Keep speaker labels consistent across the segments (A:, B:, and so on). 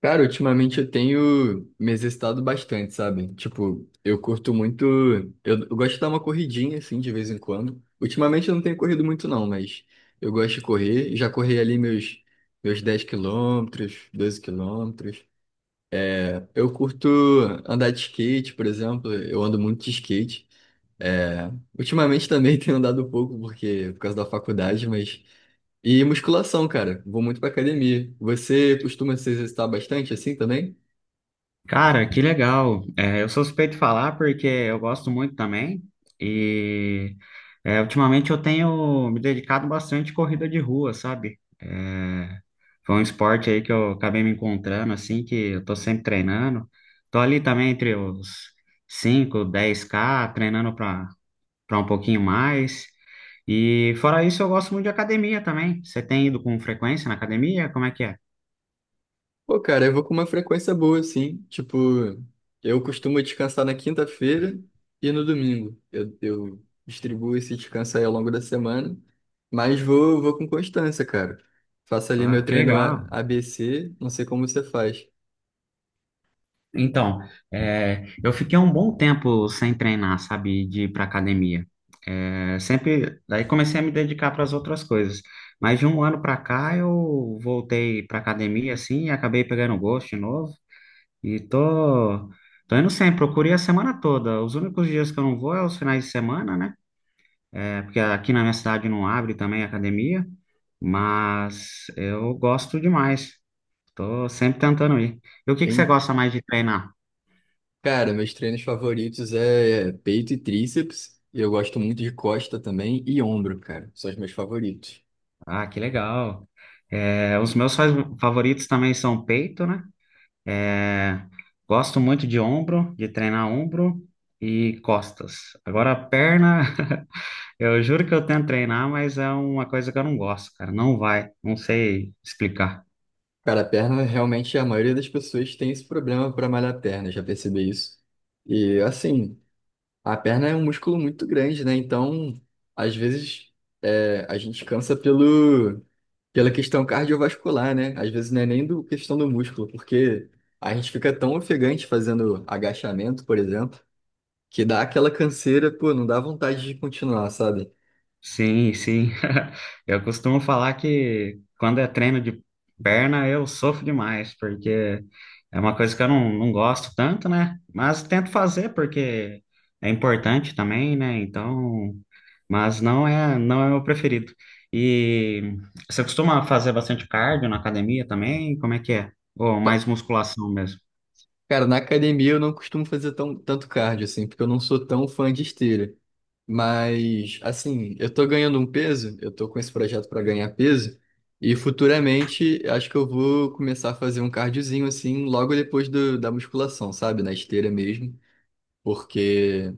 A: Cara, ultimamente eu tenho me exercitado bastante, sabe? Tipo, eu curto muito. Eu gosto de dar uma corridinha, assim, de vez em quando. Ultimamente eu não tenho corrido muito, não, mas eu gosto de correr. Já corri ali meus 10 km, 12 km. Eu curto andar de skate, por exemplo. Eu ando muito de skate. É. Ultimamente também tenho andado pouco, porque por causa da faculdade, mas. E musculação, cara. Vou muito pra academia. Você costuma se exercitar bastante assim também?
B: Cara, que legal. É, eu sou suspeito de falar porque eu gosto muito também. E é, ultimamente eu tenho me dedicado bastante à corrida de rua, sabe? É, foi um esporte aí que eu acabei me encontrando, assim, que eu tô sempre treinando. Tô ali também entre os 5K, 10K treinando para um pouquinho mais. E fora isso, eu gosto muito de academia também. Você tem ido com frequência na academia? Como é que é?
A: Pô, cara, eu vou com uma frequência boa, assim. Tipo, eu costumo descansar na quinta-feira e no domingo. Eu distribuo esse descanso aí ao longo da semana, mas vou com constância, cara. Faço ali
B: Ah,
A: meu
B: que
A: treino
B: legal.
A: ABC, não sei como você faz.
B: Então, é, eu fiquei um bom tempo sem treinar, sabe, de ir para academia. É, sempre, daí comecei a me dedicar para as outras coisas. Mas de um ano para cá eu voltei para academia, assim, e acabei pegando gosto de novo. E tô indo sempre, procurei a semana toda. Os únicos dias que eu não vou é os finais de semana, né? É, porque aqui na minha cidade não abre também academia, mas eu gosto demais. Tô sempre tentando ir. E o que que você
A: Bem,
B: gosta mais de treinar?
A: cara, meus treinos favoritos é peito e tríceps. Eu gosto muito de costa também e ombro, cara. São os meus favoritos.
B: Ah, que legal. É, os meus favoritos também são peito, né? É, gosto muito de ombro, de treinar ombro e costas. Agora, perna, eu juro que eu tento treinar, mas é uma coisa que eu não gosto, cara. Não vai, não sei explicar.
A: Cara, a perna, realmente, a maioria das pessoas tem esse problema para malhar a perna, já percebi isso. E assim. A perna é um músculo muito grande, né? Então, às vezes, a gente cansa pelo, pela questão cardiovascular, né? Às vezes não é nem do questão do músculo, porque a gente fica tão ofegante fazendo agachamento, por exemplo, que dá aquela canseira, pô, não dá vontade de continuar, sabe?
B: Sim, sim. Eu costumo falar que quando é treino de perna eu sofro demais, porque é uma coisa que eu não gosto tanto, né? Mas tento fazer porque é importante também, né? Então, mas não é o meu preferido. E você costuma fazer bastante cardio na academia também? Como é que é? Ou mais musculação mesmo?
A: Cara, na academia eu não costumo fazer tanto cardio, assim, porque eu não sou tão fã de esteira. Mas, assim, eu tô ganhando um peso, eu tô com esse projeto para ganhar peso, e futuramente acho que eu vou começar a fazer um cardiozinho, assim, logo depois da musculação, sabe? Na esteira mesmo. Porque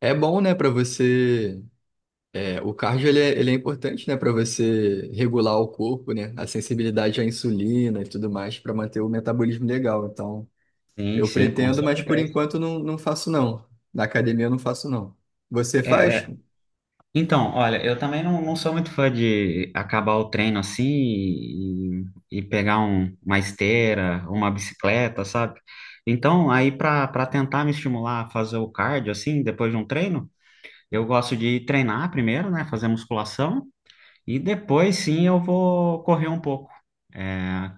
A: é bom, né, pra você. O cardio ele é importante, né, pra você regular o corpo, né? A sensibilidade à insulina e tudo mais, pra manter o metabolismo legal. Então.
B: Sim,
A: Eu
B: sim, com
A: pretendo, mas por
B: certeza.
A: enquanto não, não faço não. Na academia eu não faço não. Você faz?
B: Então, olha, eu também não sou muito fã de acabar o treino assim e pegar uma esteira, uma bicicleta, sabe? Então, aí para tentar me estimular a fazer o cardio assim, depois de um treino, eu gosto de treinar primeiro, né, fazer musculação e depois sim eu vou correr um pouco. É,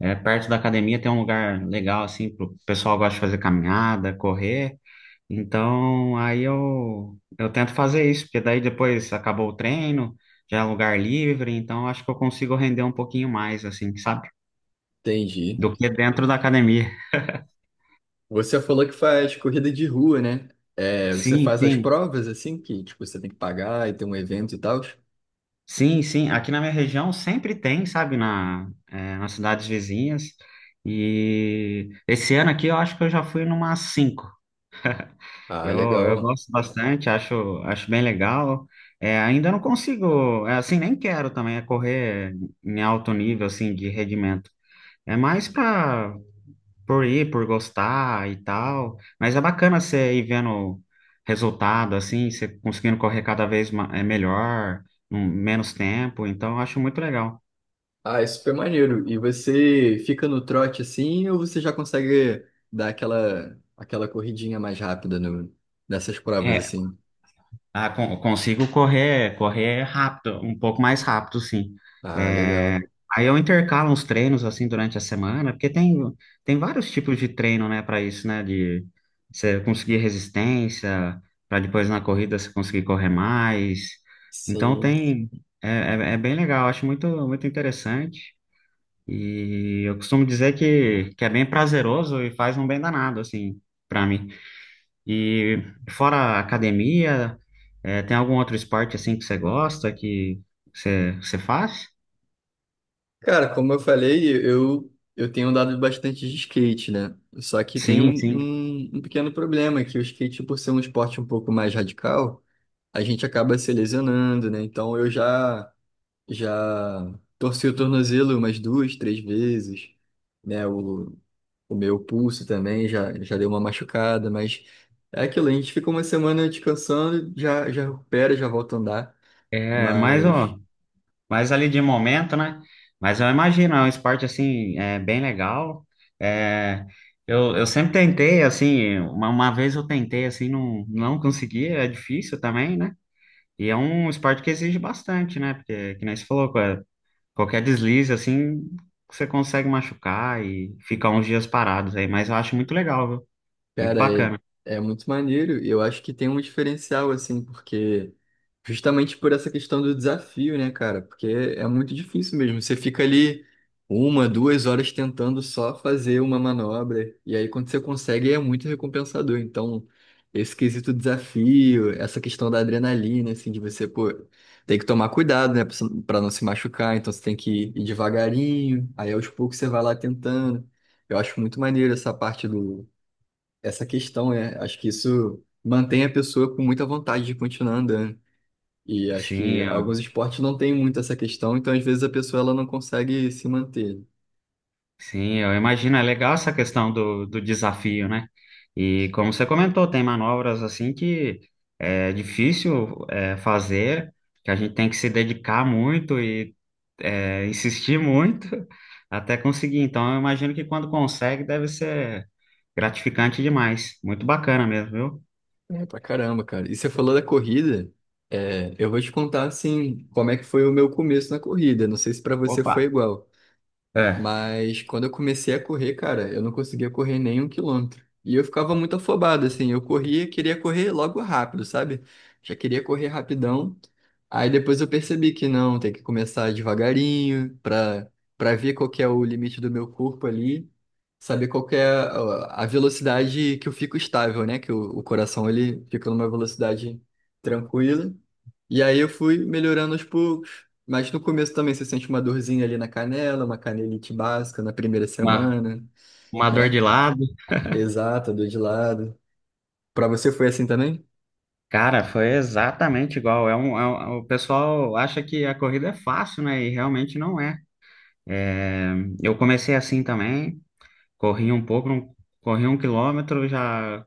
B: é, perto da academia tem um lugar legal assim, pro o pessoal gosta de fazer caminhada, correr. Então, aí eu tento fazer isso, porque daí depois acabou o treino, já é um lugar livre, então acho que eu consigo render um pouquinho mais, assim, sabe?
A: Entendi.
B: Do que dentro da academia.
A: Você falou que faz corrida de rua, né? É, você
B: Sim,
A: faz as
B: sim,
A: provas assim, que tipo, você tem que pagar e tem um evento e tal?
B: sim, sim. Aqui na minha região sempre tem, sabe? Nas cidades vizinhas. E esse ano aqui eu acho que eu já fui numa cinco.
A: Ah,
B: Eu
A: legal.
B: gosto bastante, acho bem legal. É, ainda não consigo, é, assim, nem quero também é correr em alto nível, assim, de rendimento. É mais pra por ir, por gostar e tal. Mas é bacana você ir vendo resultado, assim, você conseguindo correr cada vez melhor, menos tempo. Então, eu acho muito legal.
A: Ah, é super maneiro. E você fica no trote assim ou você já consegue dar aquela corridinha mais rápida no, nessas provas
B: É,
A: assim?
B: Ah, consigo correr rápido, um pouco mais rápido, sim.
A: Ah,
B: É,
A: legal.
B: aí eu intercalo uns treinos assim durante a semana, porque tem vários tipos de treino, né, para isso, né, de você conseguir resistência, para depois na corrida você conseguir correr mais. Então
A: Sim.
B: tem, é, é bem legal, acho muito, muito interessante. E eu costumo dizer que é bem prazeroso e faz um bem danado, assim, para mim. E fora a academia, é, tem algum outro esporte assim que você gosta, que você faz?
A: Cara, como eu falei, eu tenho andado bastante de skate, né? Só que tem um,
B: Sim, sim.
A: um, um pequeno problema, que o skate, por ser um esporte um pouco mais radical, a gente acaba se lesionando, né? Então eu já torci o tornozelo umas duas, três vezes, né? O meu pulso também já deu uma machucada, mas é aquilo, a gente fica uma semana descansando, já recupera, já volta a andar,
B: É,
A: mas.
B: ó, mas ali de momento, né? Mas eu imagino, é um esporte assim, é, bem legal. É, eu sempre tentei, assim, uma vez eu tentei, assim, não consegui, é difícil também, né? E é um esporte que exige bastante, né? Porque, que nem você falou, qualquer deslize, assim, você consegue machucar e ficar uns dias parados aí. Mas eu acho muito legal, viu? Muito
A: Cara, é,
B: bacana.
A: é muito maneiro. Eu acho que tem um diferencial, assim, porque justamente por essa questão do desafio, né, cara? Porque é muito difícil mesmo. Você fica ali uma, duas horas tentando só fazer uma manobra. E aí, quando você consegue, é muito recompensador. Então, esse quesito desafio, essa questão da adrenalina, assim, de você, pô, tem que tomar cuidado, né, pra não se machucar. Então, você tem que ir devagarinho. Aí, aos poucos, você vai lá tentando. Eu acho muito maneiro essa parte do essa questão, é, acho que isso mantém a pessoa com muita vontade de continuar andando. E acho
B: Sim,
A: que
B: eu,
A: alguns esportes não têm muito essa questão, então às vezes a pessoa ela não consegue se manter.
B: sim, eu imagino. É legal essa questão do desafio, né? E como você comentou, tem manobras assim que é difícil fazer, que a gente tem que se dedicar muito e insistir muito até conseguir. Então, eu imagino que quando consegue, deve ser gratificante demais. Muito bacana mesmo, viu?
A: É pra caramba, cara. E você falou da corrida, é, eu vou te contar assim como é que foi o meu começo na corrida. Não sei se pra você
B: Opa!
A: foi igual.
B: É.
A: Mas quando eu comecei a correr, cara, eu não conseguia correr nem 1 km. E eu ficava muito afobado, assim. Eu corria, queria correr logo rápido, sabe? Já queria correr rapidão. Aí depois eu percebi que não, tem que começar devagarinho para ver qual que é o limite do meu corpo ali, saber qual que é a velocidade que eu fico estável, né? Que o coração ele fica numa velocidade tranquila. E aí eu fui melhorando aos poucos. Mas no começo também você sente uma dorzinha ali na canela, uma canelite básica na primeira
B: Uma,
A: semana,
B: uma dor
A: né?
B: de lado.
A: Exato, dor de lado. Pra você foi assim também?
B: Cara, foi exatamente igual. O pessoal acha que a corrida é fácil, né? E realmente não é. É, eu comecei assim também, corri um pouco, corri 1 km, já,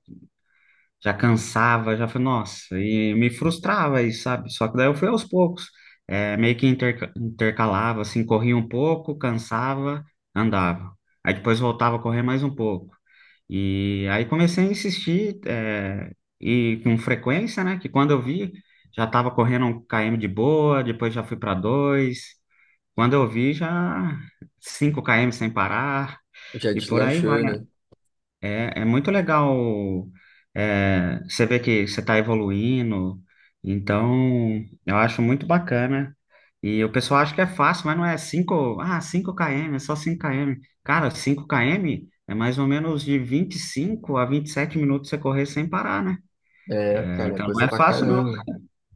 B: já cansava, já foi, nossa, e me frustrava isso, sabe? Só que daí eu fui aos poucos, é, meio que intercalava, assim, corria um pouco, cansava, andava. Aí depois voltava a correr mais um pouco. E aí comecei a insistir, e com frequência, né? Que quando eu vi, já estava correndo um km de boa, depois já fui para dois. Quando eu vi, já 5 km sem parar,
A: Já
B: e por aí vai.
A: deslanchou, né?
B: É, é muito legal, é, você ver que você está evoluindo. Então, eu acho muito bacana e o pessoal acha que é fácil, mas não é 5 km, é só 5 km. Cara, 5 km é mais ou menos de 25 a 27 minutos você correr sem parar, né?
A: É,
B: É,
A: cara, é
B: então não
A: coisa
B: é
A: pra
B: fácil, não.
A: caramba.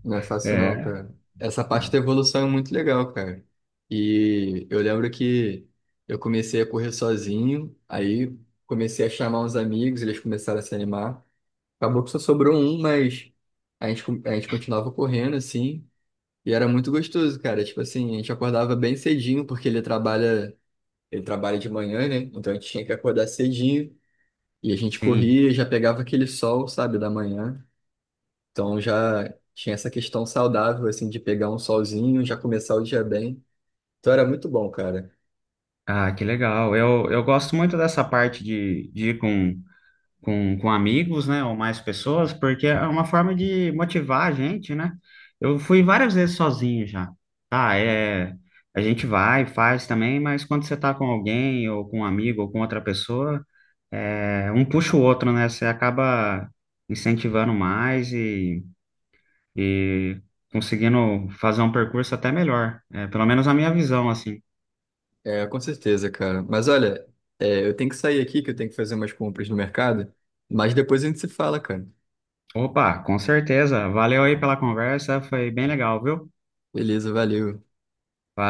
A: Não é fácil não,
B: É,
A: cara. Essa parte da evolução é muito legal, cara. E eu lembro que eu comecei a correr sozinho, aí comecei a chamar uns amigos, eles começaram a se animar. Acabou que só sobrou um, mas a gente, a gente continuava correndo, assim, e era muito gostoso, cara. Tipo assim, a gente acordava bem cedinho, porque ele trabalha de manhã, né? Então a gente tinha que acordar cedinho, e a gente
B: sim.
A: corria, já pegava aquele sol, sabe, da manhã. Então já tinha essa questão saudável, assim, de pegar um solzinho, já começar o dia bem. Então era muito bom, cara.
B: Ah, que legal. Eu gosto muito dessa parte de ir com amigos, né, ou mais pessoas, porque é uma forma de motivar a gente, né? Eu fui várias vezes sozinho já. Tá, é. A gente vai, faz também, mas quando você tá com alguém, ou com um amigo, ou com outra pessoa. É, um puxa o outro, né? Você acaba incentivando mais e conseguindo fazer um percurso até melhor. É, pelo menos a minha visão, assim.
A: É, com certeza, cara. Mas olha, é, eu tenho que sair aqui, que eu tenho que fazer umas compras no mercado, mas depois a gente se fala, cara.
B: Opa, com certeza. Valeu aí pela conversa, foi bem legal, viu?
A: Beleza, valeu.
B: Valeu.